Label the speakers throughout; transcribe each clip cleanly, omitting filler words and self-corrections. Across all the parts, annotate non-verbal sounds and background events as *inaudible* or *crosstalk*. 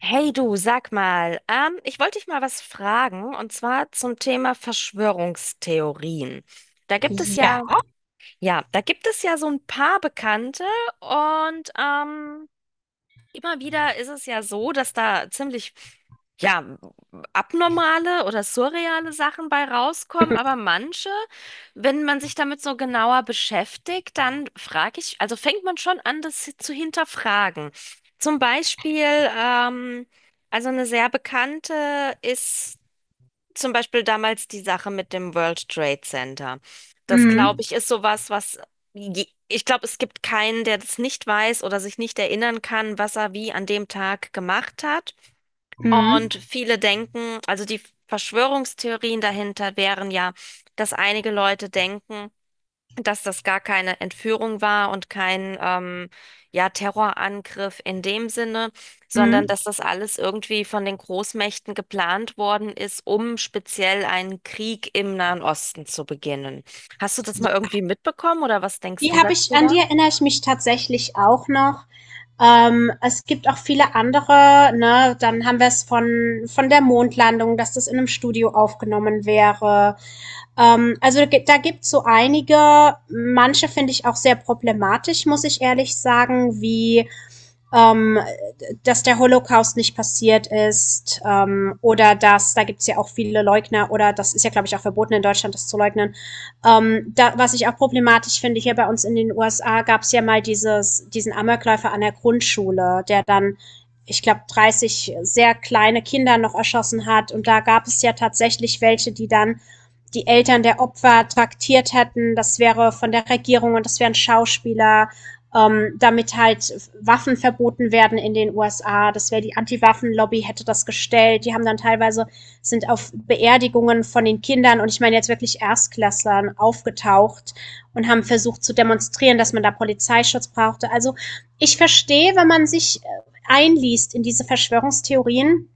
Speaker 1: Hey du, sag mal, ich wollte dich mal was fragen und zwar zum Thema Verschwörungstheorien. Da gibt es
Speaker 2: Ja.
Speaker 1: ja, ja, da gibt es ja so ein paar Bekannte und ähm, immer wieder ist es ja so, dass da ziemlich, ja, abnormale oder surreale Sachen bei rauskommen, aber manche, wenn man sich damit so genauer beschäftigt, dann frage ich, also fängt man schon an, das zu hinterfragen. Zum Beispiel, ähm, also eine sehr bekannte ist zum Beispiel damals die Sache mit dem World Trade Center. Das,
Speaker 2: Mhm.
Speaker 1: glaube ich, ist sowas, was ich glaube, es gibt keinen, der das nicht weiß oder sich nicht erinnern kann, was er wie an dem Tag gemacht hat.
Speaker 2: Mhm.
Speaker 1: Und viele denken, also die Verschwörungstheorien dahinter wären ja, dass einige Leute denken, dass das gar keine Entführung war und kein, ja, Terrorangriff in dem Sinne, sondern
Speaker 2: Mhm.
Speaker 1: dass das alles irgendwie von den Großmächten geplant worden ist, um speziell einen Krieg im Nahen Osten zu beginnen. Hast du das
Speaker 2: Ja.
Speaker 1: mal irgendwie mitbekommen oder was denkst
Speaker 2: Die
Speaker 1: du
Speaker 2: habe ich, an die
Speaker 1: darüber?
Speaker 2: erinnere ich mich tatsächlich auch noch. Es gibt auch viele andere, ne? Dann haben wir es von der Mondlandung, dass das in einem Studio aufgenommen wäre. Also da gibt es so einige, manche finde ich auch sehr problematisch, muss ich ehrlich sagen, wie ähm, dass der Holocaust nicht passiert ist, oder dass, da gibt es ja auch viele Leugner, oder das ist ja, glaube ich, auch verboten in Deutschland, das zu leugnen. Da, was ich auch problematisch finde, hier bei uns in den USA, es ja mal dieses, diesen Amokläufer an der Grundschule, der dann, ich glaube, 30 sehr kleine Kinder noch erschossen hat, und da gab es ja tatsächlich welche, die dann die Eltern der Opfer traktiert hätten, das wäre von der Regierung und das wären Schauspieler, damit halt Waffen verboten werden in den USA. Das wäre, die Anti-Waffen-Lobby hätte das gestellt. Die haben dann teilweise, sind auf Beerdigungen von den Kindern, und ich meine jetzt wirklich Erstklässlern, aufgetaucht und haben versucht zu demonstrieren, dass man da Polizeischutz brauchte. Also ich verstehe, wenn man sich einliest in diese Verschwörungstheorien,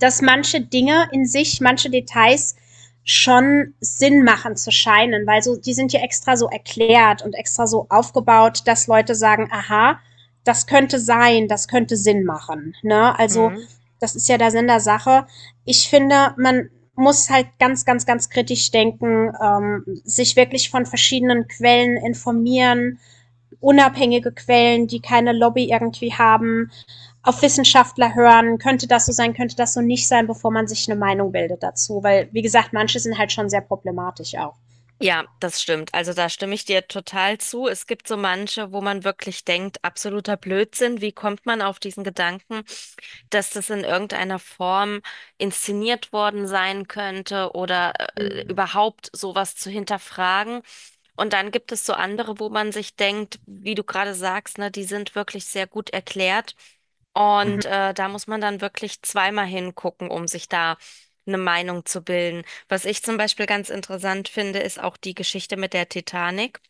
Speaker 2: dass manche Dinge in sich, manche Details schon Sinn machen zu scheinen, weil so, die sind ja extra so erklärt und extra so aufgebaut, dass Leute sagen, aha, das könnte sein, das könnte Sinn machen. Ne? Also, das ist ja der Sinn der Sache. Ich finde, man muss halt ganz, ganz, ganz kritisch denken, sich wirklich von verschiedenen Quellen informieren, unabhängige Quellen, die keine Lobby irgendwie haben, auf Wissenschaftler hören, könnte das so sein, könnte das so nicht sein, bevor man sich eine Meinung bildet dazu. Weil, wie gesagt, manche sind halt schon sehr problematisch auch.
Speaker 1: Ja, das stimmt. Also da stimme ich dir total zu. Es gibt so manche, wo man wirklich denkt, absoluter Blödsinn. Wie kommt man auf diesen Gedanken, dass das in irgendeiner Form inszeniert worden sein könnte oder
Speaker 2: Mhm.
Speaker 1: überhaupt sowas zu hinterfragen? Und dann gibt es so andere, wo man sich denkt, wie du gerade sagst, ne, die sind wirklich sehr gut erklärt.
Speaker 2: Mhm.
Speaker 1: Und da muss man dann wirklich zweimal hingucken, um sich da eine Meinung zu bilden. Was ich zum Beispiel ganz interessant finde, ist auch die Geschichte mit der Titanic.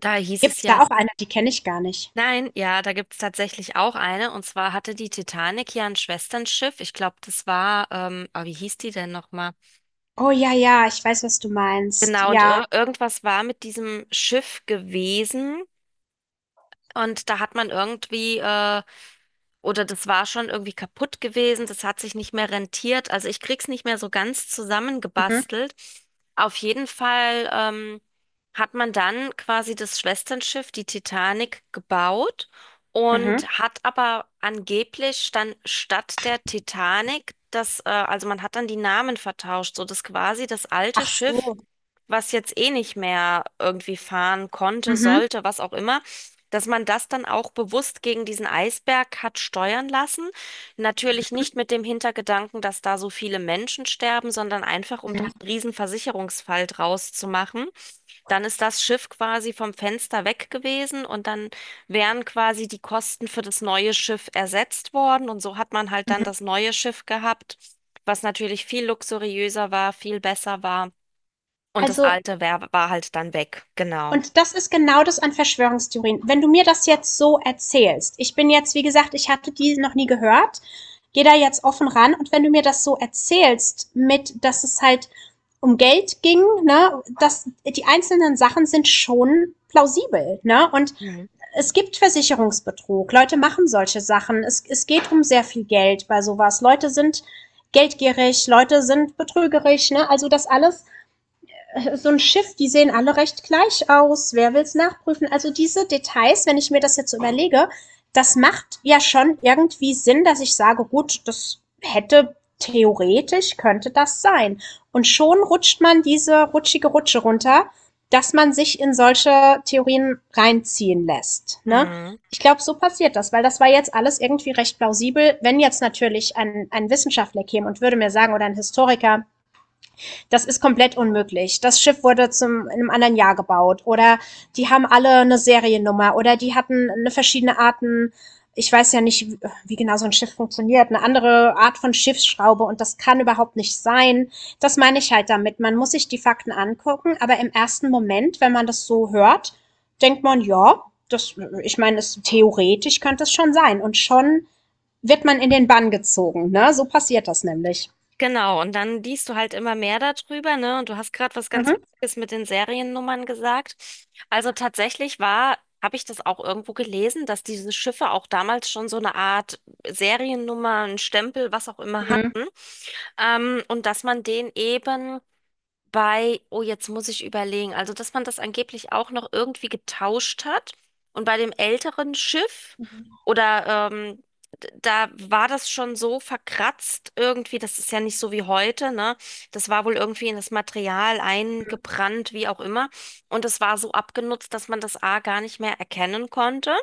Speaker 1: Da hieß
Speaker 2: Gibt es
Speaker 1: es ja,
Speaker 2: da auch eine, die kenne ich gar nicht.
Speaker 1: nein, ja, da gibt es tatsächlich auch eine. Und zwar hatte die Titanic ja ein Schwesternschiff. Ich glaube, das war, wie hieß die denn nochmal?
Speaker 2: Oh ja, ja, ich weiß, was du meinst.
Speaker 1: Genau, und
Speaker 2: Ja.
Speaker 1: ir irgendwas war mit diesem Schiff gewesen. Und da hat man irgendwie, oder das war schon irgendwie kaputt gewesen, das hat sich nicht mehr rentiert. Also ich krieg's nicht mehr so ganz
Speaker 2: Mhm.
Speaker 1: zusammengebastelt. Auf jeden Fall hat man dann quasi das Schwesternschiff, die Titanic, gebaut und
Speaker 2: Mhm.
Speaker 1: hat aber angeblich dann statt der Titanic also man hat dann die Namen vertauscht, so dass quasi das alte
Speaker 2: Ach
Speaker 1: Schiff,
Speaker 2: so.
Speaker 1: was jetzt eh nicht mehr irgendwie fahren konnte,
Speaker 2: Mhm.
Speaker 1: sollte, was auch immer, dass man das dann auch bewusst gegen diesen Eisberg hat steuern lassen. Natürlich nicht mit dem Hintergedanken, dass da so viele Menschen sterben, sondern einfach, um da
Speaker 2: Mhm.
Speaker 1: einen riesen Versicherungsfall draus zu machen. Dann ist das Schiff quasi vom Fenster weg gewesen und dann wären quasi die Kosten für das neue Schiff ersetzt worden. Und so hat man halt dann
Speaker 2: Mhm.
Speaker 1: das neue Schiff gehabt, was natürlich viel luxuriöser war, viel besser war. Und das
Speaker 2: Also.
Speaker 1: war halt dann weg, genau.
Speaker 2: Und das ist genau das an Verschwörungstheorien. Wenn du mir das jetzt so erzählst, ich bin jetzt, wie gesagt, ich hatte die noch nie gehört, gehe da jetzt offen ran, und wenn du mir das so erzählst, mit, dass es halt um Geld ging, ne, dass die einzelnen Sachen sind schon plausibel, ne, und
Speaker 1: Mhm.
Speaker 2: es gibt Versicherungsbetrug, Leute machen solche Sachen, es geht um sehr viel Geld bei sowas, Leute sind geldgierig, Leute sind betrügerig, ne, also das alles, so ein Schiff, die sehen alle recht gleich aus. Wer will's nachprüfen? Also diese Details, wenn ich mir das jetzt so überlege, das macht ja schon irgendwie Sinn, dass ich sage, gut, das hätte theoretisch, könnte das sein. Und schon rutscht man diese rutschige Rutsche runter, dass man sich in solche Theorien reinziehen lässt. Ne?
Speaker 1: Mhm.
Speaker 2: Ich glaube, so passiert das, weil das war jetzt alles irgendwie recht plausibel. Wenn jetzt natürlich ein Wissenschaftler käme und würde mir sagen, oder ein Historiker, das ist komplett unmöglich. Das Schiff wurde zum, in einem anderen Jahr gebaut. Oder die haben alle eine Seriennummer. Oder die hatten eine verschiedene Arten. Ich weiß ja nicht, wie genau so ein Schiff funktioniert. Eine andere Art von Schiffsschraube. Und das kann überhaupt nicht sein. Das meine ich halt damit. Man muss sich die Fakten angucken. Aber im ersten Moment, wenn man das so hört, denkt man, ja, das, ich meine, es, theoretisch könnte es schon sein. Und schon wird man in den Bann gezogen. Ne? So passiert das nämlich.
Speaker 1: Genau, und dann liest du halt immer mehr darüber, ne? Und du hast gerade was ganz
Speaker 2: Mhm.
Speaker 1: Wichtiges mit den Seriennummern gesagt. Also tatsächlich war, habe ich das auch irgendwo gelesen, dass diese Schiffe auch damals schon so eine Art Seriennummer, einen Stempel, was auch immer hatten. Und dass man den eben bei, oh, jetzt muss ich überlegen, also dass man das angeblich auch noch irgendwie getauscht hat. Und bei dem älteren Schiff
Speaker 2: Mhm.
Speaker 1: oder da war das schon so verkratzt irgendwie, das ist ja nicht so wie heute, ne? Das war wohl irgendwie in das Material eingebrannt, wie auch immer. Und es war so abgenutzt, dass man das A gar nicht mehr erkennen konnte.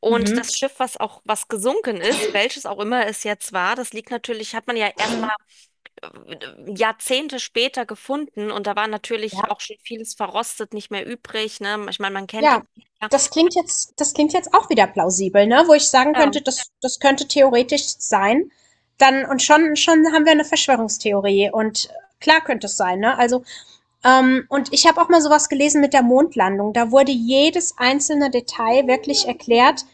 Speaker 1: Und
Speaker 2: Mhm.
Speaker 1: das Schiff, was auch, was gesunken ist, welches auch immer es jetzt war, das liegt natürlich, hat man ja erstmal Jahrzehnte später gefunden. Und da war natürlich auch schon vieles verrostet, nicht mehr übrig, ne? Ich meine, man kennt
Speaker 2: Ja,
Speaker 1: die.
Speaker 2: das klingt jetzt auch wieder plausibel, ne? Wo ich sagen könnte,
Speaker 1: Ja.
Speaker 2: das könnte theoretisch sein. Dann, und schon haben wir eine Verschwörungstheorie, und klar, könnte es sein, ne? Also, und ich habe auch mal so was gelesen mit der Mondlandung. Da wurde jedes einzelne Detail wirklich erklärt,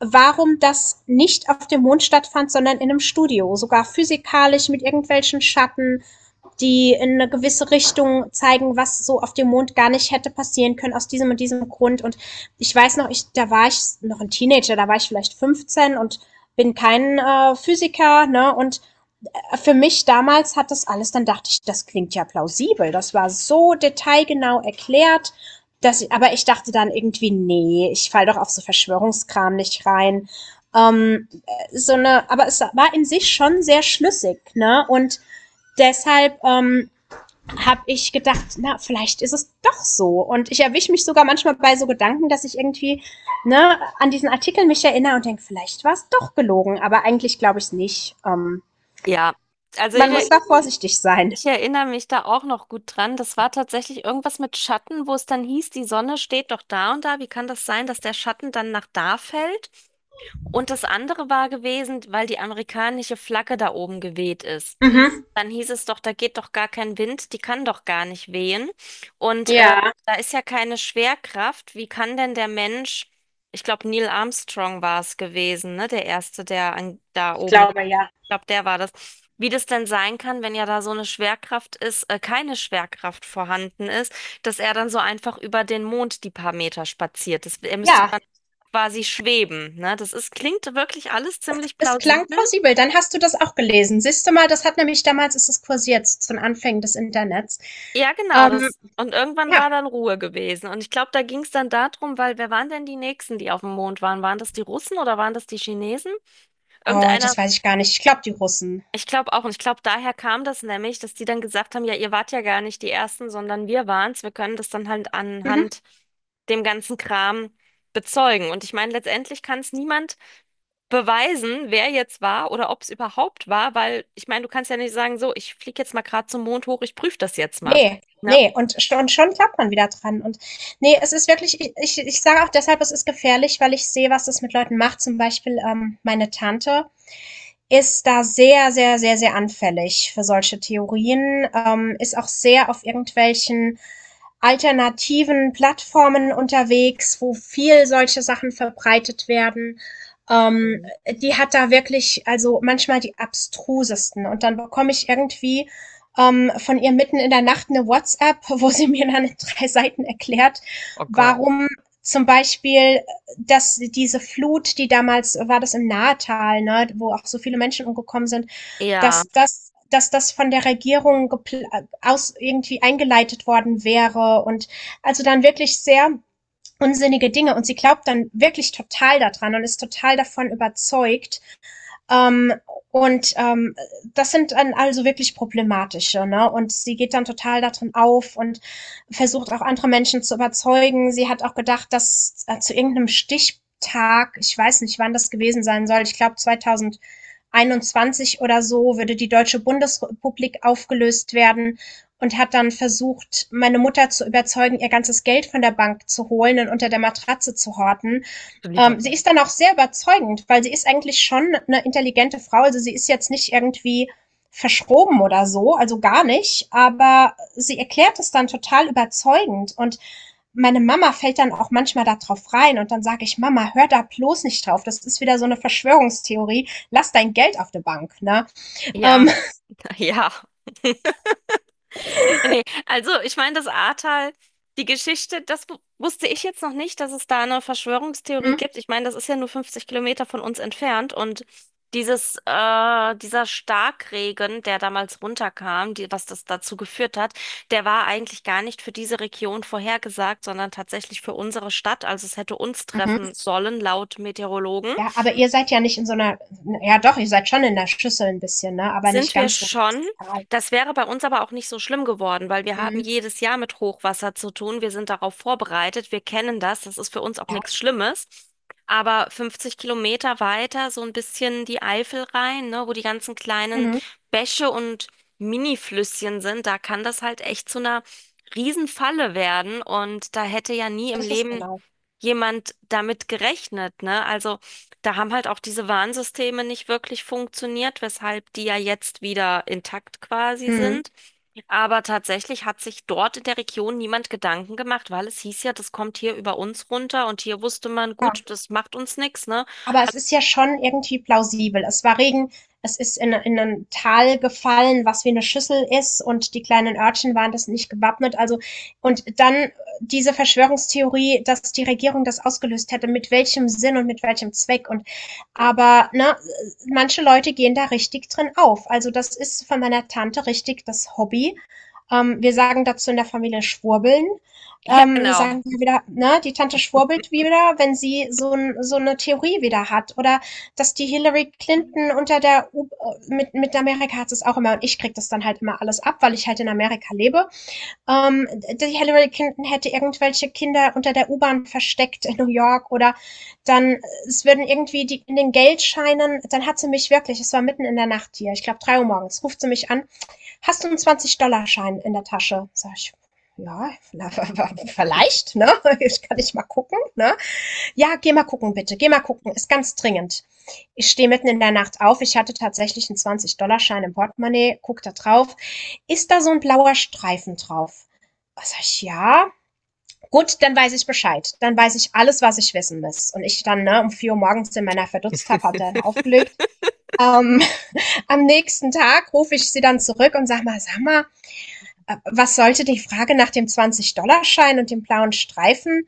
Speaker 2: warum das nicht auf dem Mond stattfand, sondern in einem Studio, sogar physikalisch mit irgendwelchen Schatten, die in eine gewisse Richtung zeigen, was so auf dem Mond gar nicht hätte passieren können, aus diesem und diesem Grund. Und ich weiß noch, ich, da war ich noch ein Teenager, da war ich vielleicht 15, und bin kein Physiker, ne? Und für mich damals hat das alles, dann dachte ich, das klingt ja plausibel. Das war so detailgenau erklärt. Dass ich, aber ich dachte dann irgendwie, nee, ich falle doch auf so Verschwörungskram nicht rein. Ähm, so eine, aber es war in sich schon sehr schlüssig, ne? Und deshalb, habe ich gedacht, na, vielleicht ist es doch so. Und ich erwische mich sogar manchmal bei so Gedanken, dass ich irgendwie, ne, an diesen Artikel mich erinnere und denke, vielleicht war es doch gelogen, aber eigentlich glaube ich es nicht.
Speaker 1: Ja, also ich,
Speaker 2: Man muss da vorsichtig sein.
Speaker 1: ich erinnere mich da auch noch gut dran. Das war tatsächlich irgendwas mit Schatten, wo es dann hieß, die Sonne steht doch da und da. Wie kann das sein, dass der Schatten dann nach da fällt? Und das andere war gewesen, weil die amerikanische Flagge da oben geweht ist.
Speaker 2: Mhm.
Speaker 1: Dann hieß es doch, da geht doch gar kein Wind, die kann doch gar nicht wehen. Und
Speaker 2: Ja,
Speaker 1: da ist ja keine Schwerkraft. Wie kann denn der Mensch, ich glaube, Neil Armstrong war es gewesen, ne? Der Erste, der an, da
Speaker 2: ich
Speaker 1: oben,
Speaker 2: glaube ja.
Speaker 1: glaube, der war das. Wie das denn sein kann, wenn ja da so eine keine Schwerkraft vorhanden ist, dass er dann so einfach über den Mond die paar Meter spaziert. Das, er müsste
Speaker 2: Ja,
Speaker 1: dann quasi schweben, ne? Das ist, klingt wirklich alles ziemlich
Speaker 2: es klang
Speaker 1: plausibel.
Speaker 2: plausibel. Dann hast du das auch gelesen. Siehst du mal, das hat nämlich damals, ist es kursiert, zu den Anfängen des Internets.
Speaker 1: Ja, genau,
Speaker 2: Ähm,
Speaker 1: das. Und irgendwann
Speaker 2: ja.
Speaker 1: war dann Ruhe gewesen. Und ich glaube, da ging es dann darum, weil wer waren denn die Nächsten, die auf dem Mond waren? Waren das die Russen oder waren das die Chinesen?
Speaker 2: Oh,
Speaker 1: Irgendeiner.
Speaker 2: das weiß ich gar nicht. Ich glaube, die Russen.
Speaker 1: Ich glaube auch, und ich glaube, daher kam das nämlich, dass die dann gesagt haben, ja, ihr wart ja gar nicht die Ersten, sondern wir waren's. Wir können das dann halt
Speaker 2: Mhm.
Speaker 1: anhand dem ganzen Kram bezeugen. Und ich meine, letztendlich kann es niemand beweisen, wer jetzt war oder ob es überhaupt war, weil ich meine, du kannst ja nicht sagen, so, ich fliege jetzt mal gerade zum Mond hoch, ich prüfe das jetzt mal.
Speaker 2: Nee,
Speaker 1: Ne?
Speaker 2: nee. Und schon klappt man wieder dran. Und nee, es ist wirklich, ich sage auch deshalb, es ist gefährlich, weil ich sehe, was das mit Leuten macht. Zum Beispiel meine Tante, ist da sehr, sehr, sehr, sehr anfällig für solche Theorien, ist auch sehr auf irgendwelchen alternativen Plattformen unterwegs, wo viel solche Sachen verbreitet werden. Ähm,
Speaker 1: Mhm.
Speaker 2: Die hat da wirklich, also manchmal die abstrusesten. Und dann bekomme ich irgendwie, von ihr mitten in der Nacht eine WhatsApp, *laughs* wo sie mir dann in drei Seiten erklärt,
Speaker 1: Oh Gott.
Speaker 2: warum zum Beispiel, dass diese Flut, die damals war, das im Nahetal, ne, wo auch so viele Menschen umgekommen sind,
Speaker 1: Ja,
Speaker 2: dass das von der Regierung aus irgendwie eingeleitet worden wäre, und, also dann wirklich sehr unsinnige Dinge, und sie glaubt dann wirklich total daran und ist total davon überzeugt, ähm, und ähm, das sind dann also wirklich problematische. Ne? Und sie geht dann total darin auf und versucht auch andere Menschen zu überzeugen. Sie hat auch gedacht, dass zu irgendeinem Stichtag, ich weiß nicht, wann das gewesen sein soll, ich glaube 2000 oder so, würde die Deutsche Bundesrepublik aufgelöst werden, und hat dann versucht, meine Mutter zu überzeugen, ihr ganzes Geld von der Bank zu holen und unter der Matratze zu horten. Sie ist dann auch sehr überzeugend, weil sie ist eigentlich schon eine intelligente Frau. Also, sie ist jetzt nicht irgendwie verschroben oder so, also gar nicht, aber sie erklärt es dann total überzeugend, und meine Mama fällt dann auch manchmal da drauf rein, und dann sage ich, Mama, hör da bloß nicht drauf. Das ist wieder so eine Verschwörungstheorie. Lass dein Geld auf der Bank, ne?
Speaker 1: ja,
Speaker 2: Ähm,
Speaker 1: *laughs* ja. *laughs* Nee, also ich meine, das Ahrtal, die Geschichte, das wusste ich jetzt noch nicht, dass es da eine Verschwörungstheorie gibt. Ich meine, das ist ja nur 50 Kilometer von uns entfernt und dieser Starkregen, der damals runterkam, die, was das dazu geführt hat, der war eigentlich gar nicht für diese Region vorhergesagt, sondern tatsächlich für unsere Stadt. Also es hätte uns
Speaker 2: mhm.
Speaker 1: treffen sollen, laut Meteorologen.
Speaker 2: Ja, aber ihr seid ja nicht in so einer, ja doch, ihr seid schon in der Schüssel ein bisschen, ne? Aber
Speaker 1: Sind
Speaker 2: nicht
Speaker 1: wir
Speaker 2: ganz so.
Speaker 1: schon.
Speaker 2: Total.
Speaker 1: Das wäre bei uns aber auch nicht so schlimm geworden, weil wir haben
Speaker 2: Mhm.
Speaker 1: jedes Jahr mit Hochwasser zu tun. Wir sind darauf vorbereitet. Wir kennen das. Das ist für uns auch
Speaker 2: Ja,
Speaker 1: nichts Schlimmes. Aber 50 Kilometer weiter, so ein bisschen die Eifel rein, ne, wo die ganzen kleinen
Speaker 2: mhm.
Speaker 1: Bäche und Mini-Flüsschen sind, da kann das halt echt zu einer Riesenfalle werden. Und da hätte ja nie im
Speaker 2: Das ist
Speaker 1: Leben
Speaker 2: genau.
Speaker 1: jemand damit gerechnet, ne? Also da haben halt auch diese Warnsysteme nicht wirklich funktioniert, weshalb die ja jetzt wieder intakt quasi
Speaker 2: Mhm.
Speaker 1: sind. Aber tatsächlich hat sich dort in der Region niemand Gedanken gemacht, weil es hieß ja, das kommt hier über uns runter und hier wusste man,
Speaker 2: Ja,
Speaker 1: gut, das macht uns nichts, ne?
Speaker 2: aber es ist ja schon irgendwie plausibel. Es war Regen, es ist in ein Tal gefallen, was wie eine Schüssel ist, und die kleinen Örtchen waren das nicht gewappnet. Also, und dann, diese Verschwörungstheorie, dass die Regierung das ausgelöst hätte, mit welchem Sinn und mit welchem Zweck. Und,
Speaker 1: Oh.
Speaker 2: aber, ne, manche Leute gehen da richtig drin auf. Also, das ist von meiner Tante richtig das Hobby. Wir sagen dazu in der Familie Schwurbeln.
Speaker 1: Ja,
Speaker 2: Wir
Speaker 1: genau.
Speaker 2: sagen ja wieder, ne, die Tante schwurbelt wieder, wenn sie so 'n, so 'ne Theorie wieder hat, oder dass die Hillary Clinton unter der U mit Amerika hat es auch immer, und ich krieg das dann halt immer alles ab, weil ich halt in Amerika lebe. Ähm, Die Hillary Clinton hätte irgendwelche Kinder unter der U-Bahn versteckt in New York, oder dann, es würden irgendwie die in den Geldscheinen, dann hat sie mich wirklich, es war mitten in der Nacht hier, ich glaube 3 Uhr morgens, ruft sie mich an. Hast du einen 20-Dollar-Schein in der Tasche? Sag ich, ja, *laughs* vielleicht, ne? Ich kann nicht mal gucken, ne? Ja, geh mal gucken, bitte. Geh mal gucken. Ist ganz dringend. Ich stehe mitten in der Nacht auf. Ich hatte tatsächlich einen 20-Dollar-Schein im Portemonnaie. Guck da drauf. Ist da so ein blauer Streifen drauf? Was, sag ich, ja. Gut, dann weiß ich Bescheid. Dann weiß ich alles, was ich wissen muss. Und ich dann, ne, um 4 Uhr morgens in meiner, verdutzt habe, habe dann aufgelegt. Ähm, *laughs* am nächsten Tag rufe ich sie dann zurück und sag mal, was sollte die Frage nach dem 20-Dollar-Schein und dem blauen Streifen?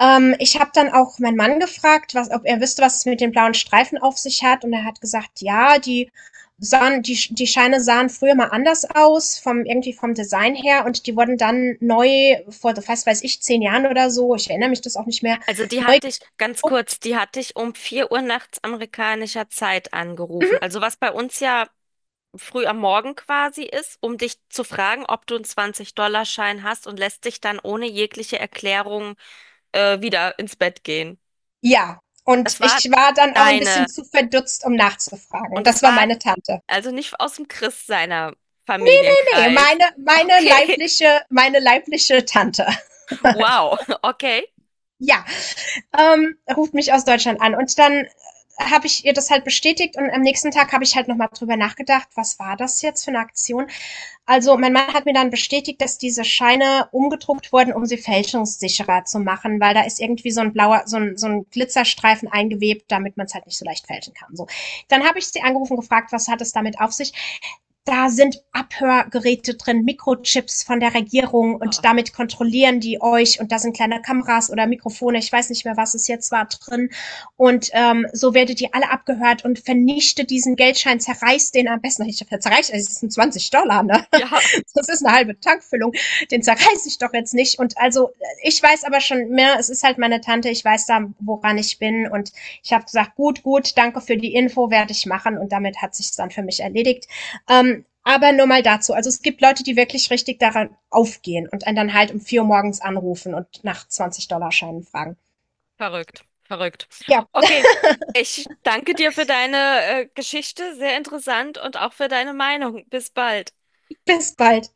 Speaker 2: Ich habe dann auch meinen Mann gefragt, was, ob er wüsste, was es mit den blauen Streifen auf sich hat. Und er hat gesagt, ja, die sahen, die, die Scheine sahen früher mal anders aus, vom, irgendwie vom Design her. Und die wurden dann neu vor, was weiß ich, 10 Jahren oder so, ich erinnere mich das auch nicht mehr,
Speaker 1: Also die hatte ich, ganz kurz,
Speaker 2: guckt.
Speaker 1: die hatte ich um 4 Uhr nachts amerikanischer Zeit angerufen. Also was bei uns ja früh am Morgen quasi ist, um dich zu fragen, ob du einen 20-Dollar-Schein hast und lässt dich dann ohne jegliche Erklärung wieder ins Bett gehen.
Speaker 2: Ja, und
Speaker 1: Es war
Speaker 2: ich war dann auch ein
Speaker 1: deine
Speaker 2: bisschen zu verdutzt, um nachzufragen.
Speaker 1: und es
Speaker 2: Das war
Speaker 1: war
Speaker 2: meine Tante.
Speaker 1: also nicht aus dem Christ seiner
Speaker 2: Nee,
Speaker 1: Familienkreis.
Speaker 2: meine,
Speaker 1: Okay,
Speaker 2: meine leibliche Tante.
Speaker 1: *laughs* wow, okay.
Speaker 2: Ja, ruft mich aus Deutschland an. Und dann, habe ich ihr das halt bestätigt, und am nächsten Tag habe ich halt nochmal drüber nachgedacht, was war das jetzt für eine Aktion? Also mein Mann hat mir dann bestätigt, dass diese Scheine umgedruckt wurden, um sie fälschungssicherer zu machen, weil da ist irgendwie so ein blauer, so ein Glitzerstreifen eingewebt, damit man es halt nicht so leicht fälschen kann. So. Dann habe ich sie angerufen, gefragt, was hat es damit auf sich? Da sind Abhörgeräte drin, Mikrochips von der Regierung,
Speaker 1: Ah.
Speaker 2: und damit kontrollieren die euch, und da sind kleine Kameras oder Mikrofone, ich weiß nicht mehr, was es jetzt war, drin. Und so werdet ihr alle abgehört, und vernichtet diesen Geldschein, zerreißt den am besten, ich zerreißt, es sind 20 Dollar, ne?
Speaker 1: Ja,
Speaker 2: *laughs* Das ist eine halbe Tankfüllung, den zerreiß ich doch jetzt nicht. Und, also, ich weiß aber schon mehr, es ist halt meine Tante, ich weiß da, woran ich bin, und ich habe gesagt, gut, gut, danke für die Info, werde ich machen, und damit hat sich dann für mich erledigt. Aber nur mal dazu. Also es gibt Leute, die wirklich richtig daran aufgehen und einen dann halt um 4 Uhr morgens anrufen und nach 20-Dollar-Scheinen fragen.
Speaker 1: verrückt, verrückt.
Speaker 2: Ja,
Speaker 1: Okay. Ich danke dir für deine Geschichte, sehr interessant und auch für deine Meinung. Bis bald.
Speaker 2: bis bald.